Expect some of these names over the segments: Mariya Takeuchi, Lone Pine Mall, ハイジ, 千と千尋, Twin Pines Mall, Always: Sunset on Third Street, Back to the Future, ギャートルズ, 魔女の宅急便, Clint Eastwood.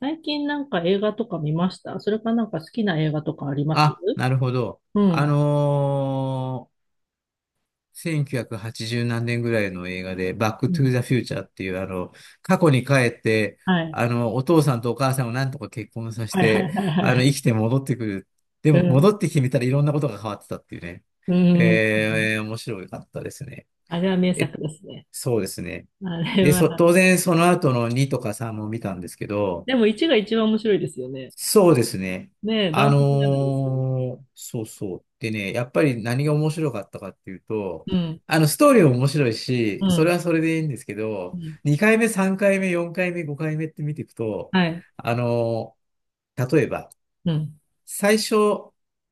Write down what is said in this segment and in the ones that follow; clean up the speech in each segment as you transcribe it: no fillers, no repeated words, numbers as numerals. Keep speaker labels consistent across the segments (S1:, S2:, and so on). S1: 最近なんか映画とか見ましたそれかなんか好きな映画とかあります
S2: あ、なるほど。
S1: う
S2: あ
S1: ん。
S2: のー1980何年ぐらいの映画で、バッ
S1: う
S2: クトゥ
S1: ん。
S2: ーザフューチャーっていう、過去に帰って、
S1: はい。
S2: お父さんとお母さんをなんとか結婚させ
S1: はいはい
S2: て、
S1: はいは
S2: 生
S1: い。
S2: きて戻ってくる。でも、戻ってきてみたらいろんなことが変わってたっていうね。
S1: うん。うん。
S2: 面白かったですね。
S1: あれは名
S2: え、
S1: 作ですね。
S2: そうですね。
S1: あれ
S2: で、
S1: は。
S2: 当然その後の2とか3も見たんですけど、
S1: でも1が一番面白いですよね。
S2: そうですね。
S1: ねえ、ダ
S2: あ
S1: ントツじゃないで
S2: の
S1: す
S2: そうそう。でね、やっぱり何が面白かったかっていうと、
S1: うん。
S2: ストーリーも面白い
S1: う
S2: し、それ
S1: ん。
S2: はそれでいいんですけ
S1: う
S2: ど、
S1: ん。
S2: 2回目、3回目、4回目、5回目って見ていくと、
S1: はい。
S2: あのー例えば、
S1: うん。
S2: 最初、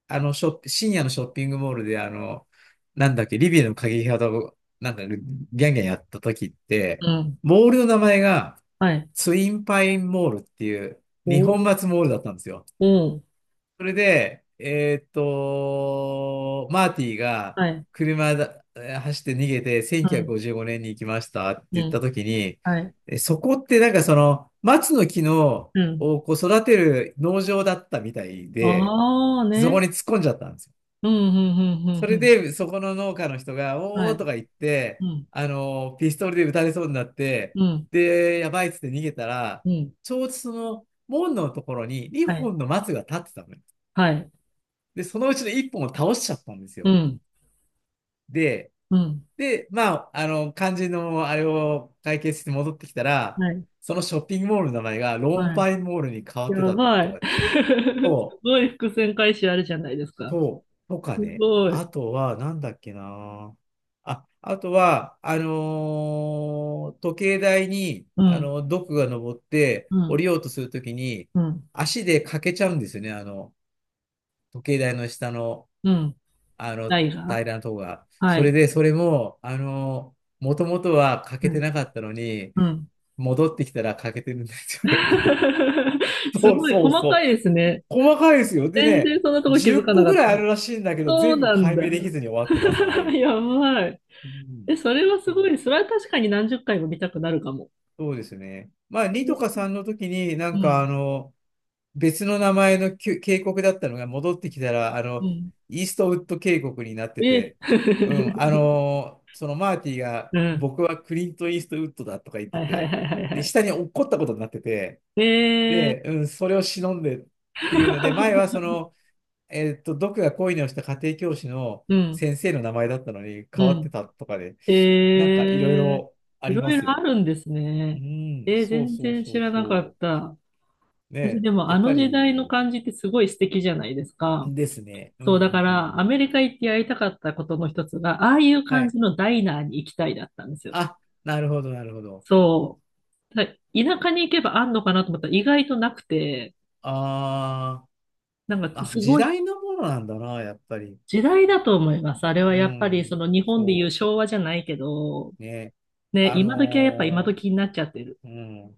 S2: あの、ショッ、深夜のショッピングモールで、なんだっけ、リビアの鍵型を、なんか、ギャンギャンやった時って、
S1: うん。
S2: モールの名前が、
S1: はい。
S2: ツインパインモールっていう、二
S1: お
S2: 本
S1: ー。
S2: 松モールだったんですよ。
S1: うん。
S2: それで、マーティが
S1: はい。
S2: 車だ、えー走って逃げて
S1: う
S2: 1955
S1: ん。
S2: 年に行きましたって
S1: う
S2: 言った
S1: ん。
S2: 時に、
S1: はい。
S2: そこってなんかその松の木の
S1: うん。
S2: をこう育てる農場だったみたいで、
S1: ああ
S2: そこ
S1: ね。
S2: に突っ込んじゃったんですよ。
S1: うん。う
S2: そ
S1: ん。う
S2: れ
S1: ん。
S2: でそこの農家の人が、
S1: うん。うん、
S2: お
S1: は
S2: ーと
S1: い。
S2: か言っ
S1: う
S2: て、
S1: ん。
S2: ピストルで撃たれそうになって、
S1: うん。
S2: で、やばいっつって逃げたら、
S1: うん。
S2: ちょうどその門のところに
S1: は
S2: 2
S1: い。
S2: 本の松が立ってたのよ。
S1: はい。
S2: で、そのうちの一本を倒しちゃったんです
S1: う
S2: よ。
S1: ん。
S2: で、
S1: うん。
S2: で、まあ、肝心のあれを解決して戻ってきたら、
S1: はい。
S2: そのショッピングモールの名前がローン
S1: はい。
S2: パインモールに変わって
S1: や
S2: た
S1: ば
S2: と
S1: い。
S2: かね。
S1: す
S2: そう、
S1: ごい伏線回収あるじゃないですか。
S2: そう、とか
S1: す
S2: ね。
S1: ごい。
S2: あとは、なんだっけな。あ、あとは、時計台に、
S1: うん。
S2: 毒が登って
S1: う
S2: 降
S1: ん。
S2: りようとするときに、
S1: うん。
S2: 足でかけちゃうんですよね。時計台の下の
S1: うん。
S2: あ
S1: な
S2: の、
S1: いが
S2: 平らなとが。
S1: は
S2: それ
S1: い。
S2: で、それも、もともとは欠け
S1: は
S2: て
S1: い。
S2: なかったのに、
S1: うん。
S2: 戻ってきたら欠けてるんですよ、やっぱり。
S1: す
S2: そう
S1: ごい
S2: そう
S1: 細か
S2: そ
S1: い
S2: う。
S1: ですね。
S2: 細かいですよ。で
S1: 全然
S2: ね、
S1: そんなとこ気
S2: 10
S1: づかな
S2: 個
S1: か
S2: ぐ
S1: っ
S2: らいあ
S1: た。
S2: るらしいんだけど、
S1: そう
S2: 全部
S1: なん
S2: 解
S1: だ。
S2: 明できずに終わってます。は い。
S1: やばい。
S2: うん。
S1: え、それはす
S2: そ
S1: ごい。そ
S2: う、
S1: れは確かに何十回も見たくなるかも。
S2: そうですね。まあ、
S1: え
S2: 2とか
S1: ー、
S2: 3の時に、な
S1: う
S2: んか
S1: ん。
S2: 別の名前の渓谷だったのが戻ってきたら、
S1: うん。
S2: イーストウッド渓谷になって
S1: え。
S2: て、う ん、そのマーティが、
S1: うん。
S2: 僕はクリント・イーストウッドだとか言って
S1: はいはい
S2: て、
S1: はいはい
S2: で、
S1: は
S2: 下に落っこったことになってて、
S1: い。えー。
S2: で、うん、それを忍んでっていうので、前はそ の、毒が恋に落ちた家庭教師の
S1: うん、
S2: 先生の名前だったのに
S1: う
S2: 変わって
S1: ん。
S2: たとかで、なんかいろい
S1: えー、
S2: ろあ
S1: い
S2: り
S1: ろ
S2: ま
S1: い
S2: す
S1: ろあ
S2: よ。
S1: るんです
S2: う
S1: ね。
S2: ん、
S1: えー、
S2: そう
S1: 全
S2: そう
S1: 然
S2: そ
S1: 知
S2: う
S1: らなか
S2: そ
S1: った。
S2: う。
S1: 私
S2: ね、
S1: でも
S2: や
S1: あ
S2: っぱ
S1: の時代の
S2: り、
S1: 感じってすごい素敵じゃないですか。
S2: ですね。う
S1: そ
S2: ん
S1: う、
S2: うんうん
S1: だか
S2: う
S1: らア
S2: ん。
S1: メリカ行ってやりたかったことの一つが、ああいう
S2: は
S1: 感
S2: い。
S1: じのダイナーに行きたいだったんですよ。
S2: あ、なるほど、なるほど。
S1: そう。田舎に行けばあんのかなと思ったら意外となくて、
S2: あ
S1: なん
S2: ー
S1: か
S2: あ、
S1: す
S2: 時
S1: ごい
S2: 代のものなんだな、やっぱり。
S1: 時代だと思います。あれは
S2: う
S1: やっぱりそ
S2: ん、
S1: の日本でいう
S2: そ
S1: 昭和じゃないけど、
S2: うね。
S1: ね、
S2: あ
S1: 今時はやっぱ今
S2: の
S1: 時になっちゃってる。
S2: うん。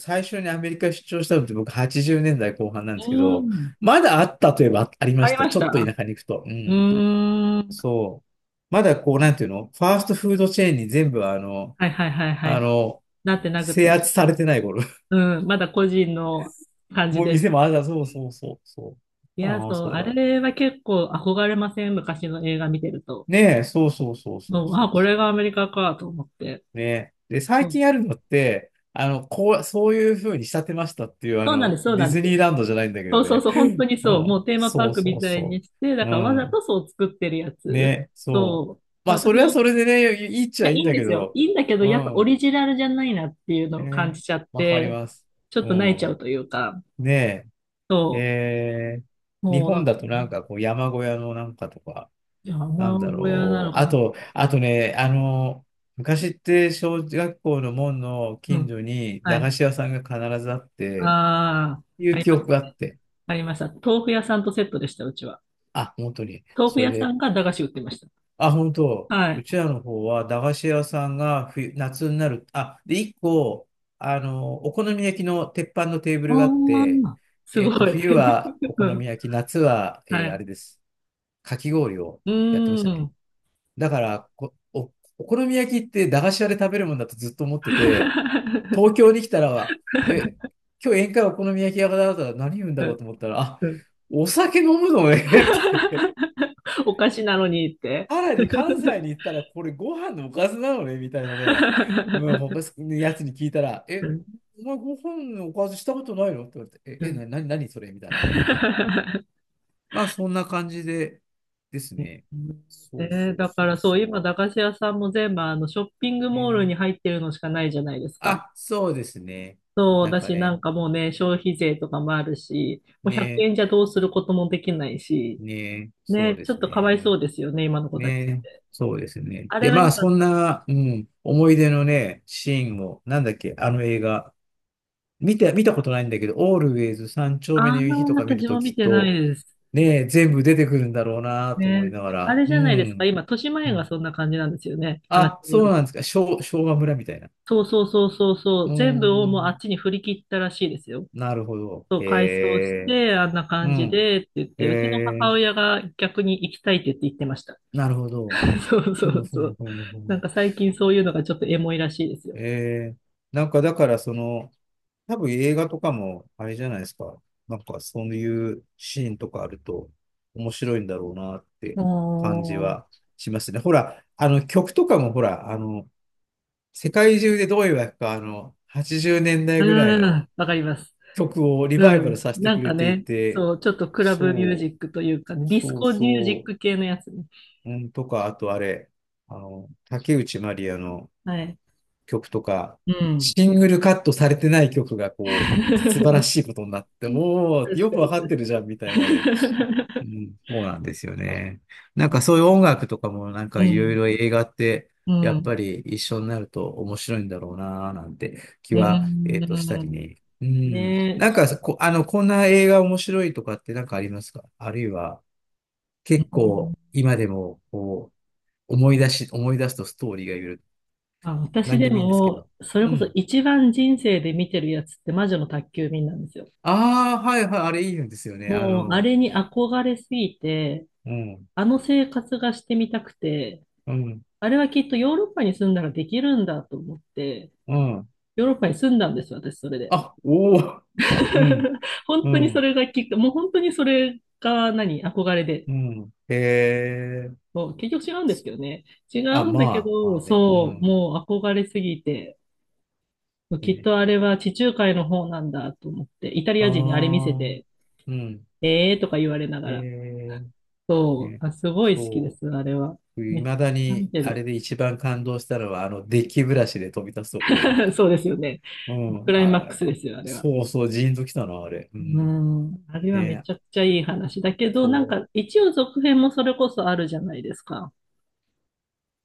S2: 最初にアメリカ出張したのって僕80年代後半なんですけ
S1: う
S2: ど、
S1: ん。
S2: まだあったといえばありま
S1: あ
S2: し
S1: り
S2: た。
S1: まし
S2: ちょっと
S1: た。
S2: 田舎に行くと。う
S1: う
S2: ん。
S1: ーん。
S2: そう。まだこう、なんていうのファーストフードチェーンに全部あの、
S1: はいはいはいは
S2: あ
S1: い。
S2: の、
S1: なってなく
S2: 制
S1: て。
S2: 圧されてない頃。
S1: うん。まだ個人の感 じ
S2: もう
S1: でっ
S2: 店
S1: て
S2: も
S1: ことです
S2: そう
S1: ね。
S2: そうそう、そ
S1: い
S2: う。
S1: や、
S2: ああ、
S1: そ
S2: そ
S1: う。
S2: ういえ
S1: あ
S2: ば。
S1: れは結構憧れません？昔の映画見てると。
S2: ねえ、そうそうそうそう
S1: もう、
S2: そ
S1: あ、
S2: う
S1: こ
S2: そ
S1: れがアメリカかと思って。
S2: うねえ。で、
S1: う
S2: 最
S1: ん。
S2: 近あるのって、こう、そういう風に仕立てましたっていう、
S1: そうなんです、そう
S2: ディ
S1: なん
S2: ズ
S1: で
S2: ニ
S1: す。
S2: ーランドじゃないんだけ
S1: そ
S2: ど
S1: うそう
S2: ね。
S1: そう。本当に
S2: う
S1: そう。
S2: ん、
S1: もうテーマパ
S2: そ
S1: ー
S2: う
S1: ク
S2: そ
S1: み
S2: う
S1: たい
S2: そ
S1: にして、だ
S2: う。う
S1: からわざ
S2: ん。
S1: とそう作ってるやつ。
S2: ね、そう。
S1: そう。
S2: まあ、そ
S1: 私、
S2: れはそ
S1: い
S2: れでね、いいっちゃ
S1: や、い
S2: いいん
S1: いん
S2: だ
S1: で
S2: け
S1: すよ。
S2: ど。
S1: いいんだけど、
S2: う
S1: やっぱオ
S2: ん。
S1: リジナルじゃないなっていうのを感
S2: ね、
S1: じちゃっ
S2: わかり
S1: て、
S2: ます。
S1: ちょっ
S2: う
S1: と泣いちゃう
S2: ん。
S1: というか。
S2: ねえ、
S1: そう。
S2: 日
S1: もう、なん
S2: 本
S1: か、
S2: だとなんかこう山小屋のなんかとか、
S1: 山
S2: なんだ
S1: 小屋な
S2: ろ
S1: の
S2: う。
S1: か
S2: あ
S1: な。
S2: と、あとね、昔って小学校の門の
S1: う
S2: 近
S1: ん。
S2: 所に
S1: は
S2: 駄菓
S1: い。
S2: 子屋さんが必ずあって、
S1: ああ、
S2: い
S1: あ
S2: う
S1: り
S2: 記
S1: ま
S2: 憶
S1: した
S2: があっ
S1: ね。
S2: て。
S1: ありました。豆腐屋さんとセットでした、うちは。
S2: あ、本当に。
S1: 豆腐
S2: それ
S1: 屋さ
S2: で、
S1: んが駄菓子売ってまし
S2: あ、本当、
S1: た。は
S2: う
S1: い。
S2: ちらの方は駄菓子屋さんが冬、夏になる。あ、で、一個、お好み焼きの鉄板のテーブ
S1: あ
S2: ルがあって、
S1: あ、すごい。
S2: 冬は お
S1: う
S2: 好
S1: ん。
S2: み焼き、夏は、
S1: は
S2: あ
S1: い。
S2: れです。かき氷を
S1: う
S2: やってまし
S1: ー
S2: たね。
S1: ん。
S2: だからお好み焼きって駄菓子屋で食べるもんだとずっと思ってて、東 京に来たら、え、今日宴会お好み焼き屋だったら何言うんだろうと思ったら、あ、
S1: うん、
S2: お酒飲むのねって。
S1: お菓子なのにって。
S2: さらに関西に行ったらこれご飯のおかずなのねみたいなね、うん、他 のやつに聞いたら、
S1: うん、
S2: お前ご飯のおかずしたことないのって言われ
S1: う
S2: て、え、え、
S1: ん。
S2: な、な、何それみたいなね。まあそんな感じでですね。そう
S1: え
S2: そ
S1: ー、
S2: う
S1: だか
S2: そう
S1: らそう、今、
S2: そ
S1: 駄菓子屋さんも全部あのショッピング
S2: う。
S1: モールに入ってるのしかないじゃないですか。
S2: あ、そうですね。
S1: そう、
S2: なん
S1: だ
S2: か
S1: し、なん
S2: ね、
S1: かもうね、消費税とかもあるし、もう100
S2: ね、
S1: 円じゃどうすることもできないし、
S2: ね、そう
S1: ね、
S2: で
S1: ちょっ
S2: す
S1: とかわい
S2: ね。
S1: そうですよね、今の子たち。
S2: ね、そうですね。
S1: あれ
S2: で、
S1: が
S2: まあ、
S1: 良か
S2: そ
S1: っ
S2: ん
S1: た。
S2: な、うん、思い出のね、シーンを、なんだっけ、あの映画、見たことないんだけど、オールウェイズ三丁
S1: あ
S2: 目の
S1: あ、
S2: 夕日とか見る
S1: 私
S2: と
S1: も見
S2: きっ
S1: てない
S2: と、
S1: です。
S2: ね、全部出てくるんだろうなと思い
S1: ね。
S2: なが
S1: あ
S2: ら、
S1: れ
S2: う
S1: じゃないですか、
S2: ん。
S1: 今、豊島
S2: う
S1: 園が
S2: ん
S1: そんな感じなんですよね、話
S2: あ、
S1: によ
S2: そう
S1: る
S2: なん
S1: と。
S2: ですか。昭和村みたいな。
S1: そうそうそうそうそ
S2: う
S1: う、
S2: ー
S1: 全部をもうあっ
S2: ん、
S1: ちに振り切ったらしいですよ。
S2: なるほど。
S1: そう、
S2: へ
S1: 改装し
S2: え、
S1: て、あんな
S2: う
S1: 感じ
S2: ん、
S1: でって言っ
S2: へ
S1: て、うちの母
S2: え、
S1: 親が逆に行きたいって言って言ってました。
S2: なるほ ど。
S1: そうそ
S2: そうも
S1: う
S2: そう
S1: そ
S2: も
S1: う。
S2: そうもそう
S1: な
S2: も。
S1: んか最近そういうのがちょっとエモいらしいですよ。
S2: えー、なんかだからその、多分映画とかもあれじゃないですか。なんかそういうシーンとかあると面白いんだろうなって感じ
S1: おー、
S2: はしますね。ほら、あの曲とかもほら、世界中でどういうわけか、80年
S1: う
S2: 代ぐらいの
S1: ん、わかります。
S2: 曲をリ
S1: う
S2: バイバル
S1: ん。
S2: させて
S1: な
S2: く
S1: ん
S2: れ
S1: か
S2: てい
S1: ね、
S2: て、
S1: そう、ちょっとクラブミュージ
S2: そう、
S1: ックというかね、ディス
S2: そう
S1: コミュージッ
S2: そ
S1: ク系のやつね。
S2: う、うん、とか、あとあれ、竹内まりやの、
S1: はい。
S2: 曲とか、
S1: うん。
S2: シングルカットされてない曲がこう、素晴ら しいことになって、おー、
S1: 確
S2: よ
S1: か
S2: くわ
S1: に、
S2: かっ
S1: 確
S2: てるじゃ
S1: か
S2: ん、みたいなね。うん、そうなんですよね。なんかそういう音楽とかもなんかいろい
S1: に。
S2: ろ映画って
S1: うん、
S2: や
S1: う
S2: っぱ
S1: ん、
S2: り一緒になると面白いんだろうなーなんて気
S1: う
S2: は、したり
S1: ん。
S2: ね。うん。
S1: ねえ。
S2: なんかこ、あの、こんな映画面白いとかってなんかありますか？あるいは
S1: う
S2: 結
S1: ん、
S2: 構今でもこう思い出すとストーリーがいる。
S1: あ、
S2: な
S1: 私
S2: ん
S1: で
S2: でもいいんですけ
S1: も、
S2: ど。
S1: そ
S2: う
S1: れこそ
S2: ん。
S1: 一番人生で見てるやつって魔女の宅急便なんですよ。
S2: ああ、はいはい、あれいいんですよね。
S1: もう、あれに憧れすぎて、
S2: うん、
S1: あの生活がしてみたくて、
S2: うん、
S1: あれはきっとヨーロッパに住んだらできるんだと思って、
S2: うん。
S1: ヨーロッパに住んだんですよ、私、それで。
S2: あ、おお、うん、
S1: 本
S2: う
S1: 当にそ
S2: ん、
S1: れがきっか、もう本当にそれが何、憧れで。
S2: うん。へえ。
S1: もう結局違うんですけどね。違
S2: あ、
S1: うんだけ
S2: まあ、ま
S1: ど、
S2: あね。う
S1: そう、
S2: ん。
S1: もう憧れすぎて、きっ
S2: ね、
S1: とあれは地中海の方なんだと思って、イタリ
S2: あ
S1: ア人にあれ見せ
S2: あ、
S1: て、
S2: うん。
S1: えーとか言われなが
S2: へ
S1: ら。
S2: え、
S1: そう、
S2: ね、
S1: あ、すごい好きで
S2: そ
S1: す、あれは。
S2: う。い
S1: めっち
S2: まだ
S1: ゃ見
S2: に、
S1: て
S2: あれ
S1: る。
S2: で一番感動したのは、デッキブラシで飛び立つとこで。
S1: そうですよね。
S2: う
S1: ク
S2: ん。
S1: ライ
S2: あ
S1: マック
S2: れ、
S1: スですよ、あれは。
S2: そうそう、ジーンときたな、あれ。う
S1: う
S2: ん。
S1: ん。あれはめ
S2: ね、
S1: ちゃくちゃいい話だけど、なん
S2: そう。
S1: か一応続編もそれこそあるじゃないですか。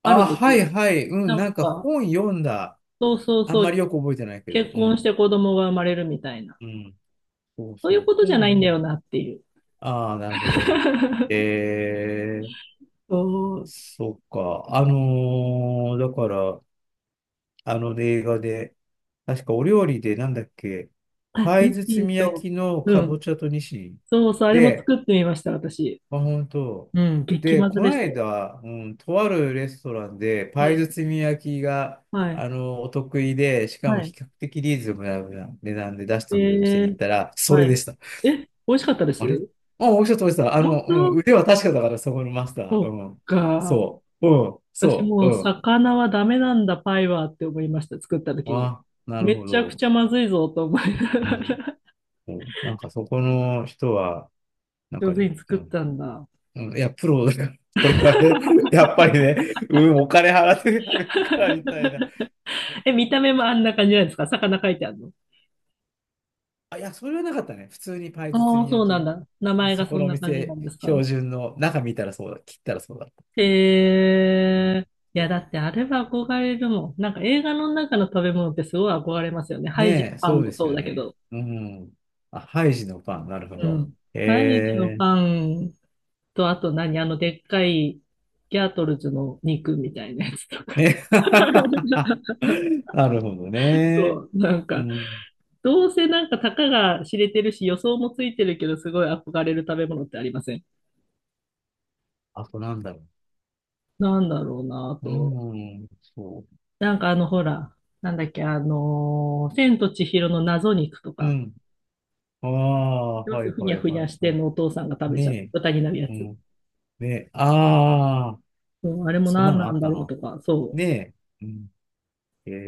S1: ある
S2: あ、
S1: んです
S2: は
S1: よ。
S2: いはい。うん、
S1: な
S2: な
S1: ん
S2: んか
S1: か、
S2: 本読んだ。
S1: そうそう
S2: あん
S1: そ
S2: ま
S1: う、
S2: りよく覚えてないけど、
S1: 結
S2: う
S1: 婚し
S2: ん。
S1: て子供が生まれるみたいな。
S2: うん。そう
S1: そうい
S2: そ
S1: う
S2: う。
S1: こと
S2: 本
S1: じゃな
S2: 読
S1: いんだ
S2: む
S1: よなっていう。
S2: ああ、なるほど。えー、
S1: そう。
S2: そっか。だから、あの映画で、確かお料理でなんだっけ、
S1: あ、
S2: パイ
S1: ミシン
S2: 包み焼
S1: と、
S2: きの
S1: う
S2: かぼ
S1: ん。
S2: ちゃとニシン。
S1: そうそう、あれも
S2: で、
S1: 作ってみました、私。
S2: まあ、本当。
S1: うん、激
S2: で、
S1: まず
S2: この
S1: でしたよ。
S2: 間、うん、とあるレストランで、
S1: う
S2: パイ
S1: ん。
S2: 包み焼きが、
S1: はい。
S2: お得意で、しかも比較
S1: は
S2: 的リーズナブルな値段で出し
S1: い。
S2: てくれるお店
S1: え
S2: に行っ
S1: ー、
S2: たら、そ
S1: は
S2: れで
S1: い。
S2: した。
S1: え、美味しかったで
S2: あれ
S1: す
S2: あ、もうちょっと落ちた。
S1: 本
S2: うん、
S1: 当？
S2: 腕は確かだから、そこのマスター。
S1: そっ
S2: うん。
S1: か。
S2: そう。うん。
S1: 私
S2: そう。
S1: も
S2: う
S1: う
S2: ん。
S1: 魚はダメなんだ、パイはって思いました、作った時に。
S2: あ、なる
S1: め
S2: ほ
S1: ちゃく
S2: ど。
S1: ちゃまずいぞと思いなが
S2: うん。
S1: ら。
S2: うんなんかそこの人は、な ん
S1: 上
S2: か
S1: 手
S2: ね、
S1: に
S2: う
S1: 作っ
S2: ん。
S1: たんだ。
S2: うん、いや、プロだから、これはね、やっぱりね、うん、お金払って食べるからみた いな。
S1: え、見た目もあんな感じなんですか？魚書いてあるの？
S2: あ、いや、それはなかったね。普通にパイ
S1: あ
S2: 包
S1: あ、
S2: み
S1: そうなん
S2: 焼
S1: だ。名
S2: き。
S1: 前が
S2: そこ
S1: そん
S2: のお
S1: な感じな
S2: 店、
S1: んですか？
S2: 標準の、中見たらそうだ、切ったらそうだった。うん
S1: えー。いや、だってあれは憧れるもん。なんか映画の中の食べ物ってすごい憧れますよね。ハイジの
S2: ねえ、
S1: パ
S2: そ
S1: ン
S2: うで
S1: も
S2: す
S1: そう
S2: よ
S1: だけ
S2: ね。
S1: ど。
S2: うん。あ、ハイジのパン、なるほ
S1: う
S2: ど。
S1: ん。ハイジの
S2: え
S1: パ
S2: え
S1: ンと、あと何あの、でっかいギャートルズの肉みたいなやつとか。
S2: ね。なるほどね。
S1: そう、なん
S2: う
S1: か、
S2: ん。
S1: どうせなんかたかが知れてるし、予想もついてるけど、すごい憧れる食べ物ってありません？
S2: あとなんだろ
S1: なんだろうな、あ
S2: う。う
S1: と。
S2: ん、そ
S1: なんかあの、ほら、なんだっけ、あの、千と千尋の謎肉と
S2: う。う
S1: か。
S2: ん。ああ、
S1: 要す
S2: は
S1: る
S2: い
S1: にふに
S2: はい
S1: ゃふに
S2: は
S1: ゃ
S2: い
S1: して
S2: は
S1: ん
S2: い。
S1: のお父さんが食べちゃって、
S2: ね
S1: 豚になるや
S2: え。う
S1: つ。
S2: ん。ねえ。ああ、
S1: うん、あれも
S2: そんな
S1: 何な
S2: のあ
S1: ん
S2: っ
S1: だ
S2: た
S1: ろう
S2: な。
S1: とか、そう。
S2: ねえ。うん。ええ。